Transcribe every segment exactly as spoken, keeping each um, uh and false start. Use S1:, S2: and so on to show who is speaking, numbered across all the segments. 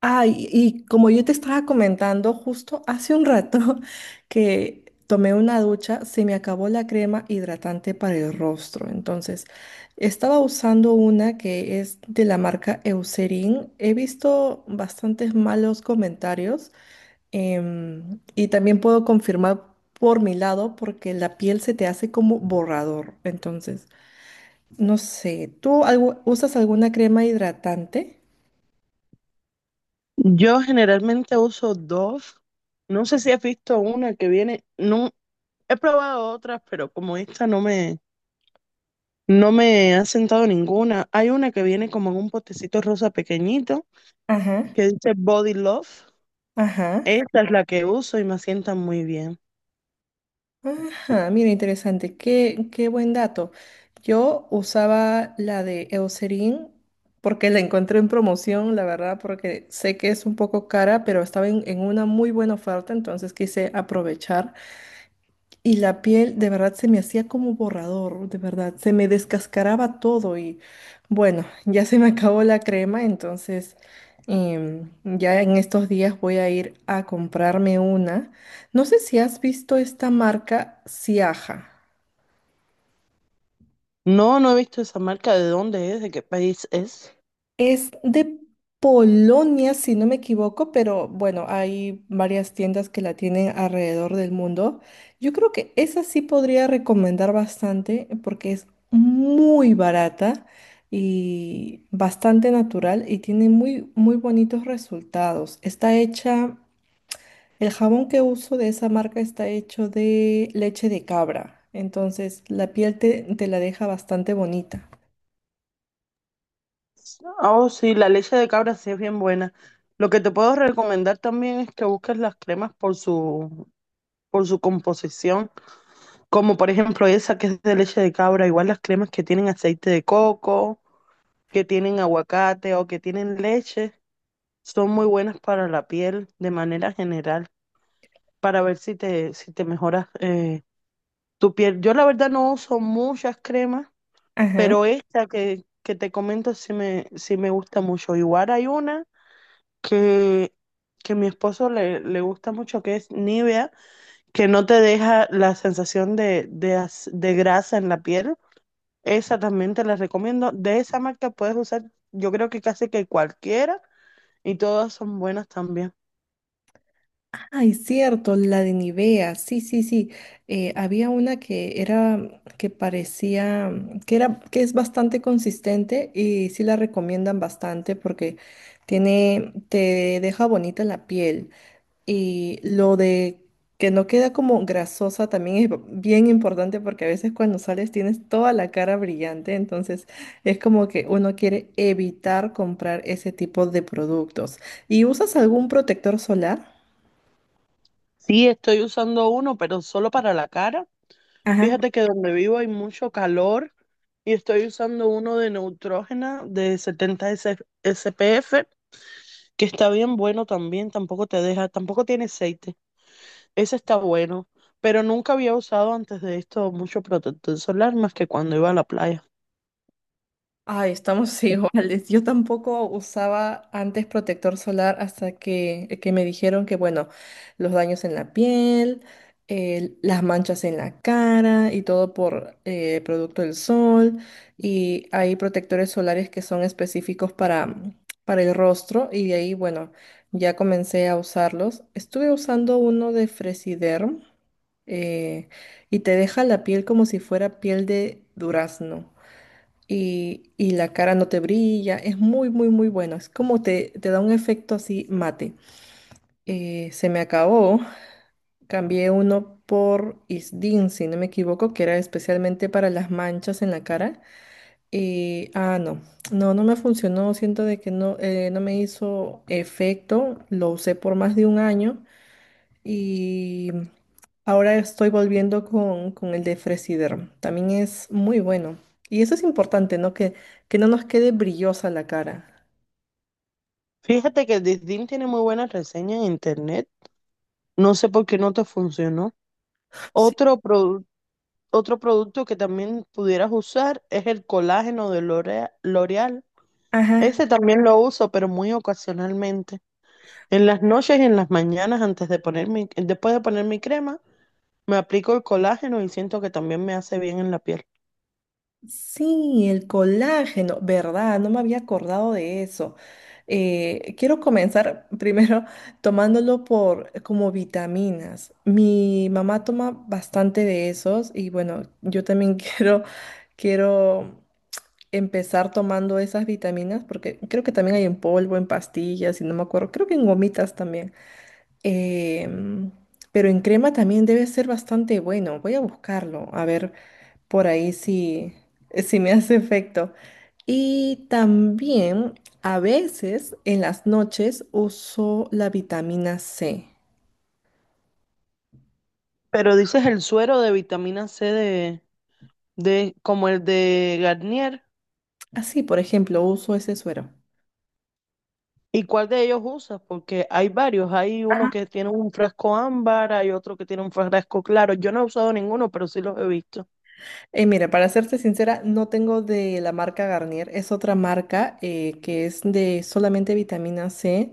S1: Ah, y, y como yo te estaba comentando justo hace un rato que tomé una ducha, se me acabó la crema hidratante para el rostro. Entonces, estaba usando una que es de la marca Eucerin. He visto bastantes malos comentarios em, y también puedo confirmar por mi lado porque la piel se te hace como borrador. Entonces, no sé, ¿tú algo- usas alguna crema hidratante?
S2: Yo generalmente uso dos. No sé si has visto una que viene. No, he probado otras, pero como esta no me, no me ha sentado ninguna. Hay una que viene como en un potecito rosa pequeñito
S1: Ajá,
S2: que dice Body Love.
S1: ajá.
S2: Esta es la que uso y me sienta muy bien.
S1: Ajá, mira, interesante. Qué, qué buen dato. Yo usaba la de Eucerin porque la encontré en promoción, la verdad, porque sé que es un poco cara, pero estaba en, en una muy buena oferta, entonces quise aprovechar. Y la piel de verdad se me hacía como borrador, de verdad, se me descascaraba todo y bueno, ya se me acabó la crema, entonces em, ya en estos días voy a ir a comprarme una. No sé si has visto esta marca Siaja.
S2: No, no he visto esa marca. ¿De dónde es? ¿De qué país es?
S1: Es de Polonia, si no me equivoco, pero bueno, hay varias tiendas que la tienen alrededor del mundo. Yo creo que esa sí podría recomendar bastante porque es muy barata y bastante natural y tiene muy, muy bonitos resultados. Está hecha, el jabón que uso de esa marca está hecho de leche de cabra, entonces la piel te, te la deja bastante bonita.
S2: Oh, sí, la leche de cabra sí es bien buena. Lo que te puedo recomendar también es que busques las cremas por su, por su composición. Como por ejemplo esa que es de leche de cabra, igual las cremas que tienen aceite de coco, que tienen aguacate o que tienen leche, son muy buenas para la piel de manera general, para ver si te, si te mejoras eh, tu piel. Yo la verdad no uso muchas cremas,
S1: Ajá.
S2: pero esta que, que te comento sí me, sí me gusta mucho. Igual hay una que, que mi esposo le, le gusta mucho, que es Nivea, que no te deja la sensación de, de, as- de grasa en la piel. Esa también te la recomiendo. De esa marca puedes usar, yo creo que casi que cualquiera y todas son buenas también.
S1: Ay, cierto, la de Nivea, sí, sí, sí. Eh, había una que era, que parecía, mm, que era, que es bastante consistente y sí la recomiendan bastante porque tiene, te deja bonita la piel. Y lo de que no queda como grasosa también es bien importante porque a veces cuando sales tienes toda la cara brillante, entonces es como que uno quiere evitar comprar ese tipo de productos. ¿Y usas algún protector solar?
S2: Sí, estoy usando uno, pero solo para la cara.
S1: Ajá.
S2: Fíjate que donde vivo hay mucho calor y estoy usando uno de Neutrógena de setenta S- s p f que está bien bueno también, tampoco te deja, tampoco tiene aceite. Ese está bueno, pero nunca había usado antes de esto mucho protector solar más que cuando iba a la playa.
S1: Ay, estamos iguales. Yo tampoco usaba antes protector solar hasta que, que me dijeron que, bueno, los daños en la piel, eh, las manchas en la cara y todo por eh, producto del sol. Y hay protectores solares que son específicos para, para el rostro y de ahí, bueno, ya comencé a usarlos. Estuve usando uno de Fresiderm eh, y te deja la piel como si fuera piel de durazno y, y la cara no te brilla. Es muy, muy, muy bueno. Es como te, te da un efecto así mate. Eh, se me acabó. Cambié uno por Isdin, si no me equivoco, que era especialmente para las manchas en la cara. Y, ah, no, no, no me funcionó. Siento de que no, eh, no me hizo efecto. Lo usé por más de un año. Y ahora estoy volviendo con, con el de Fresiderm. También es muy bueno. Y eso es importante, ¿no? Que, que no nos quede brillosa la cara.
S2: Fíjate que Disdin tiene muy buenas reseñas en internet. No sé por qué no te funcionó.
S1: Sí.
S2: Otro, produ- Otro producto que también pudieras usar es el colágeno de L'Orea- L'Oreal.
S1: Ajá.
S2: Ese también lo uso, pero muy ocasionalmente. En las noches y en las mañanas, antes de poner mi- después de poner mi crema, me aplico el colágeno y siento que también me hace bien en la piel.
S1: Sí, el colágeno, ¿verdad? No me había acordado de eso. Eh, quiero comenzar primero tomándolo por como vitaminas. Mi mamá toma bastante de esos y bueno, yo también quiero, quiero empezar tomando esas vitaminas, porque creo que también hay en polvo, en pastillas, y no me acuerdo, creo que en gomitas también. Em, pero en crema también debe ser bastante bueno. Voy a buscarlo, a ver por ahí si, si me hace efecto. Y también a veces en las noches uso la vitamina C.
S2: Pero dices el suero de vitamina ce de, de como el de Garnier.
S1: Así, por ejemplo, uso ese suero.
S2: ¿Y cuál de ellos usas? Porque hay varios. Hay uno que tiene un frasco ámbar, hay otro que tiene un frasco claro. Yo no he usado ninguno, pero sí los he visto.
S1: Eh, mira, para serte sincera, no tengo de la marca Garnier, es otra marca eh, que es de solamente vitamina C.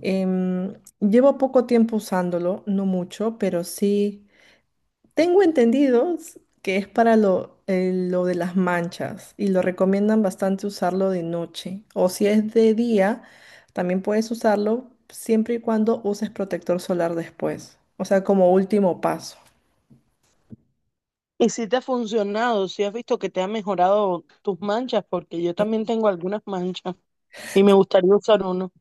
S1: Em, llevo poco tiempo usándolo, no mucho, pero sí tengo entendidos que es para lo, eh, lo de las manchas y lo recomiendan bastante usarlo de noche. O si es de día, también puedes usarlo siempre y cuando uses protector solar después, o sea, como último paso.
S2: ¿Y si te ha funcionado? ¿Si has visto que te ha mejorado tus manchas? Porque yo también tengo algunas manchas y me gustaría usar uno.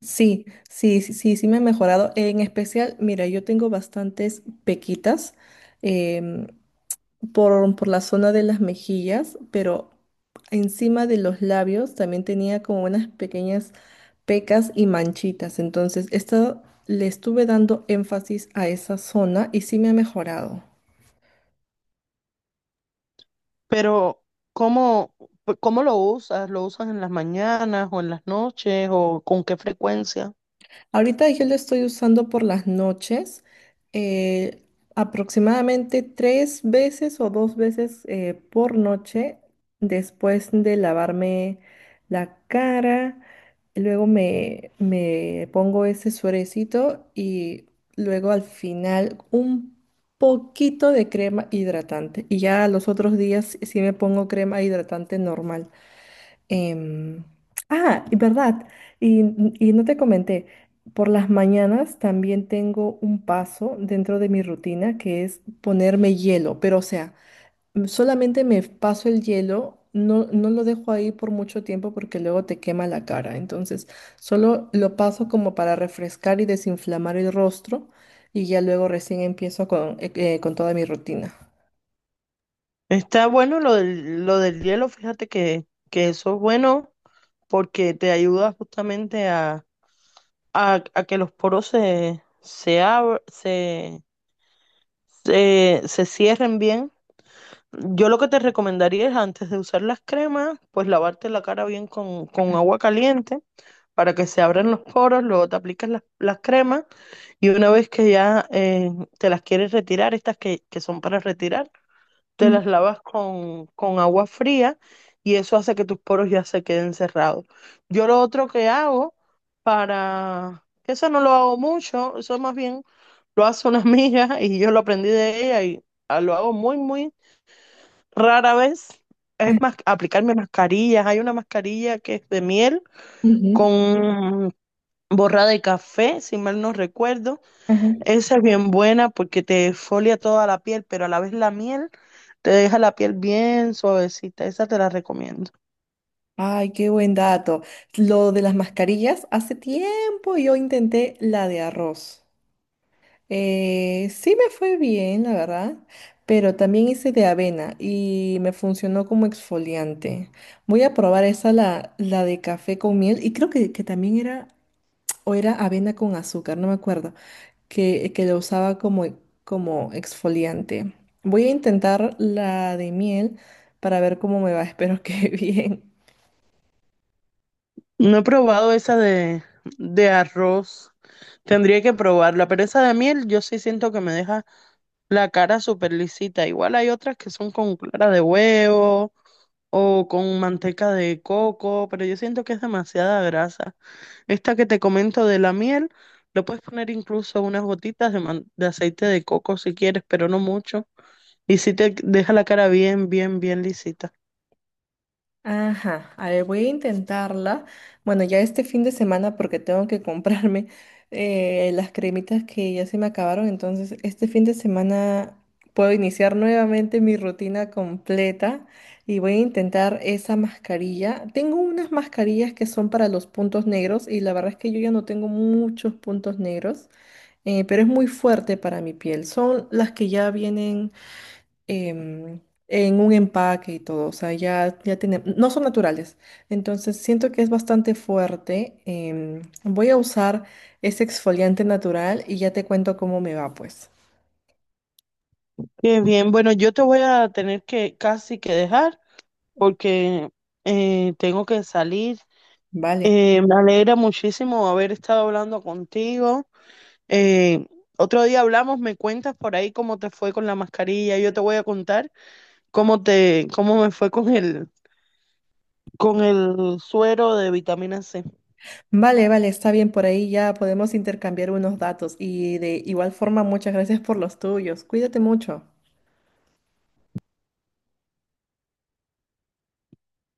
S1: Sí, sí, sí, sí, sí me ha mejorado. En especial, mira, yo tengo bastantes pequitas em, por, por la zona de las mejillas, pero encima de los labios también tenía como unas pequeñas pecas y manchitas. Entonces, esto le estuve dando énfasis a esa zona y sí me ha mejorado.
S2: Pero, ¿cómo, cómo lo usas? ¿Lo usas en las mañanas o en las noches o con qué frecuencia?
S1: Ahorita yo lo estoy usando por las noches, eh, aproximadamente tres veces o dos veces eh, por noche después de lavarme la cara. Luego me, me pongo ese suerecito y luego al final un poquito de crema hidratante. Y ya los otros días sí me pongo crema hidratante normal. Em, ah, y verdad, y, y no te comenté, por las mañanas también tengo un paso dentro de mi rutina que es ponerme hielo, pero o sea, m- solamente me paso el hielo, no, no lo dejo ahí por mucho tiempo porque luego te quema la cara, entonces solo lo paso como para refrescar y desinflamar el rostro y ya luego recién empiezo con, eh, eh, con toda mi rutina.
S2: Está bueno lo del, lo del hielo. Fíjate que, que eso es bueno porque te ayuda justamente a a, a que los poros se, se, abr- se, se, se cierren bien. Yo lo que te recomendaría es antes de usar las cremas, pues lavarte la cara bien con, con agua caliente para que se abran los poros, luego te aplicas las, las cremas y una vez que ya eh, te las quieres retirar, estas que, que son para retirar, te
S1: Ujú,
S2: las lavas con, con agua fría y eso hace que tus poros ya se queden cerrados. Yo lo otro que hago para, que eso no lo hago mucho, eso más bien lo hace una amiga y yo lo aprendí de ella y ah, lo hago muy, muy rara vez.
S1: eh,
S2: Es más, aplicarme mascarillas. Hay una mascarilla que es de miel
S1: Ujú,
S2: con borrada de café, si mal no recuerdo,
S1: ajá.
S2: esa es bien buena porque te exfolia toda la piel, pero a la vez la miel te deja la piel bien suavecita. Esa te la recomiendo.
S1: Ay, qué buen dato. Lo de las mascarillas, hace tiempo yo intenté la de arroz. Eh, sí me fue bien, la verdad, pero también hice de avena y me funcionó como exfoliante. Voy a probar esa, la, la de café con miel, y creo que, que también era, o era avena con azúcar, no me acuerdo, que, que lo usaba como, como exfoliante. Voy a intentar la de miel para ver cómo me va, espero que bien.
S2: No he probado esa de, de arroz. Tendría que probarla, pero esa de miel yo sí siento que me deja la cara súper lisita. Igual hay otras que son con clara de huevo o con manteca de coco, pero yo siento que es demasiada grasa. Esta que te comento de la miel, le puedes poner incluso unas gotitas de, man- de aceite de coco si quieres, pero no mucho. Y si te deja la cara bien, bien, bien lisita.
S1: Ajá, a ver, voy a intentarla. Bueno, ya este fin de semana porque tengo que comprarme eh, las cremitas que ya se me acabaron, entonces este fin de semana puedo iniciar nuevamente mi rutina completa y voy a intentar esa mascarilla. Tengo unas mascarillas que son para los puntos negros y la verdad es que yo ya no tengo muchos puntos negros, eh, pero es muy fuerte para mi piel. Son las que ya vienen em, en un empaque y todo, o sea, ya, ya tiene, no son naturales. Entonces, siento que es bastante fuerte. em, voy a usar ese exfoliante natural y ya te cuento cómo me va, pues.
S2: Qué bien. Bueno, yo te voy a tener que casi que dejar porque eh, tengo que salir.
S1: Vale.
S2: Eh, me alegra muchísimo haber estado hablando contigo. Eh, Otro día hablamos, me cuentas por ahí cómo te fue con la mascarilla. Yo te voy a contar cómo te, cómo me fue con el, con el suero de vitamina C.
S1: Vale, vale, está bien, por ahí ya podemos intercambiar unos datos y de igual forma, muchas gracias por los tuyos. Cuídate mucho.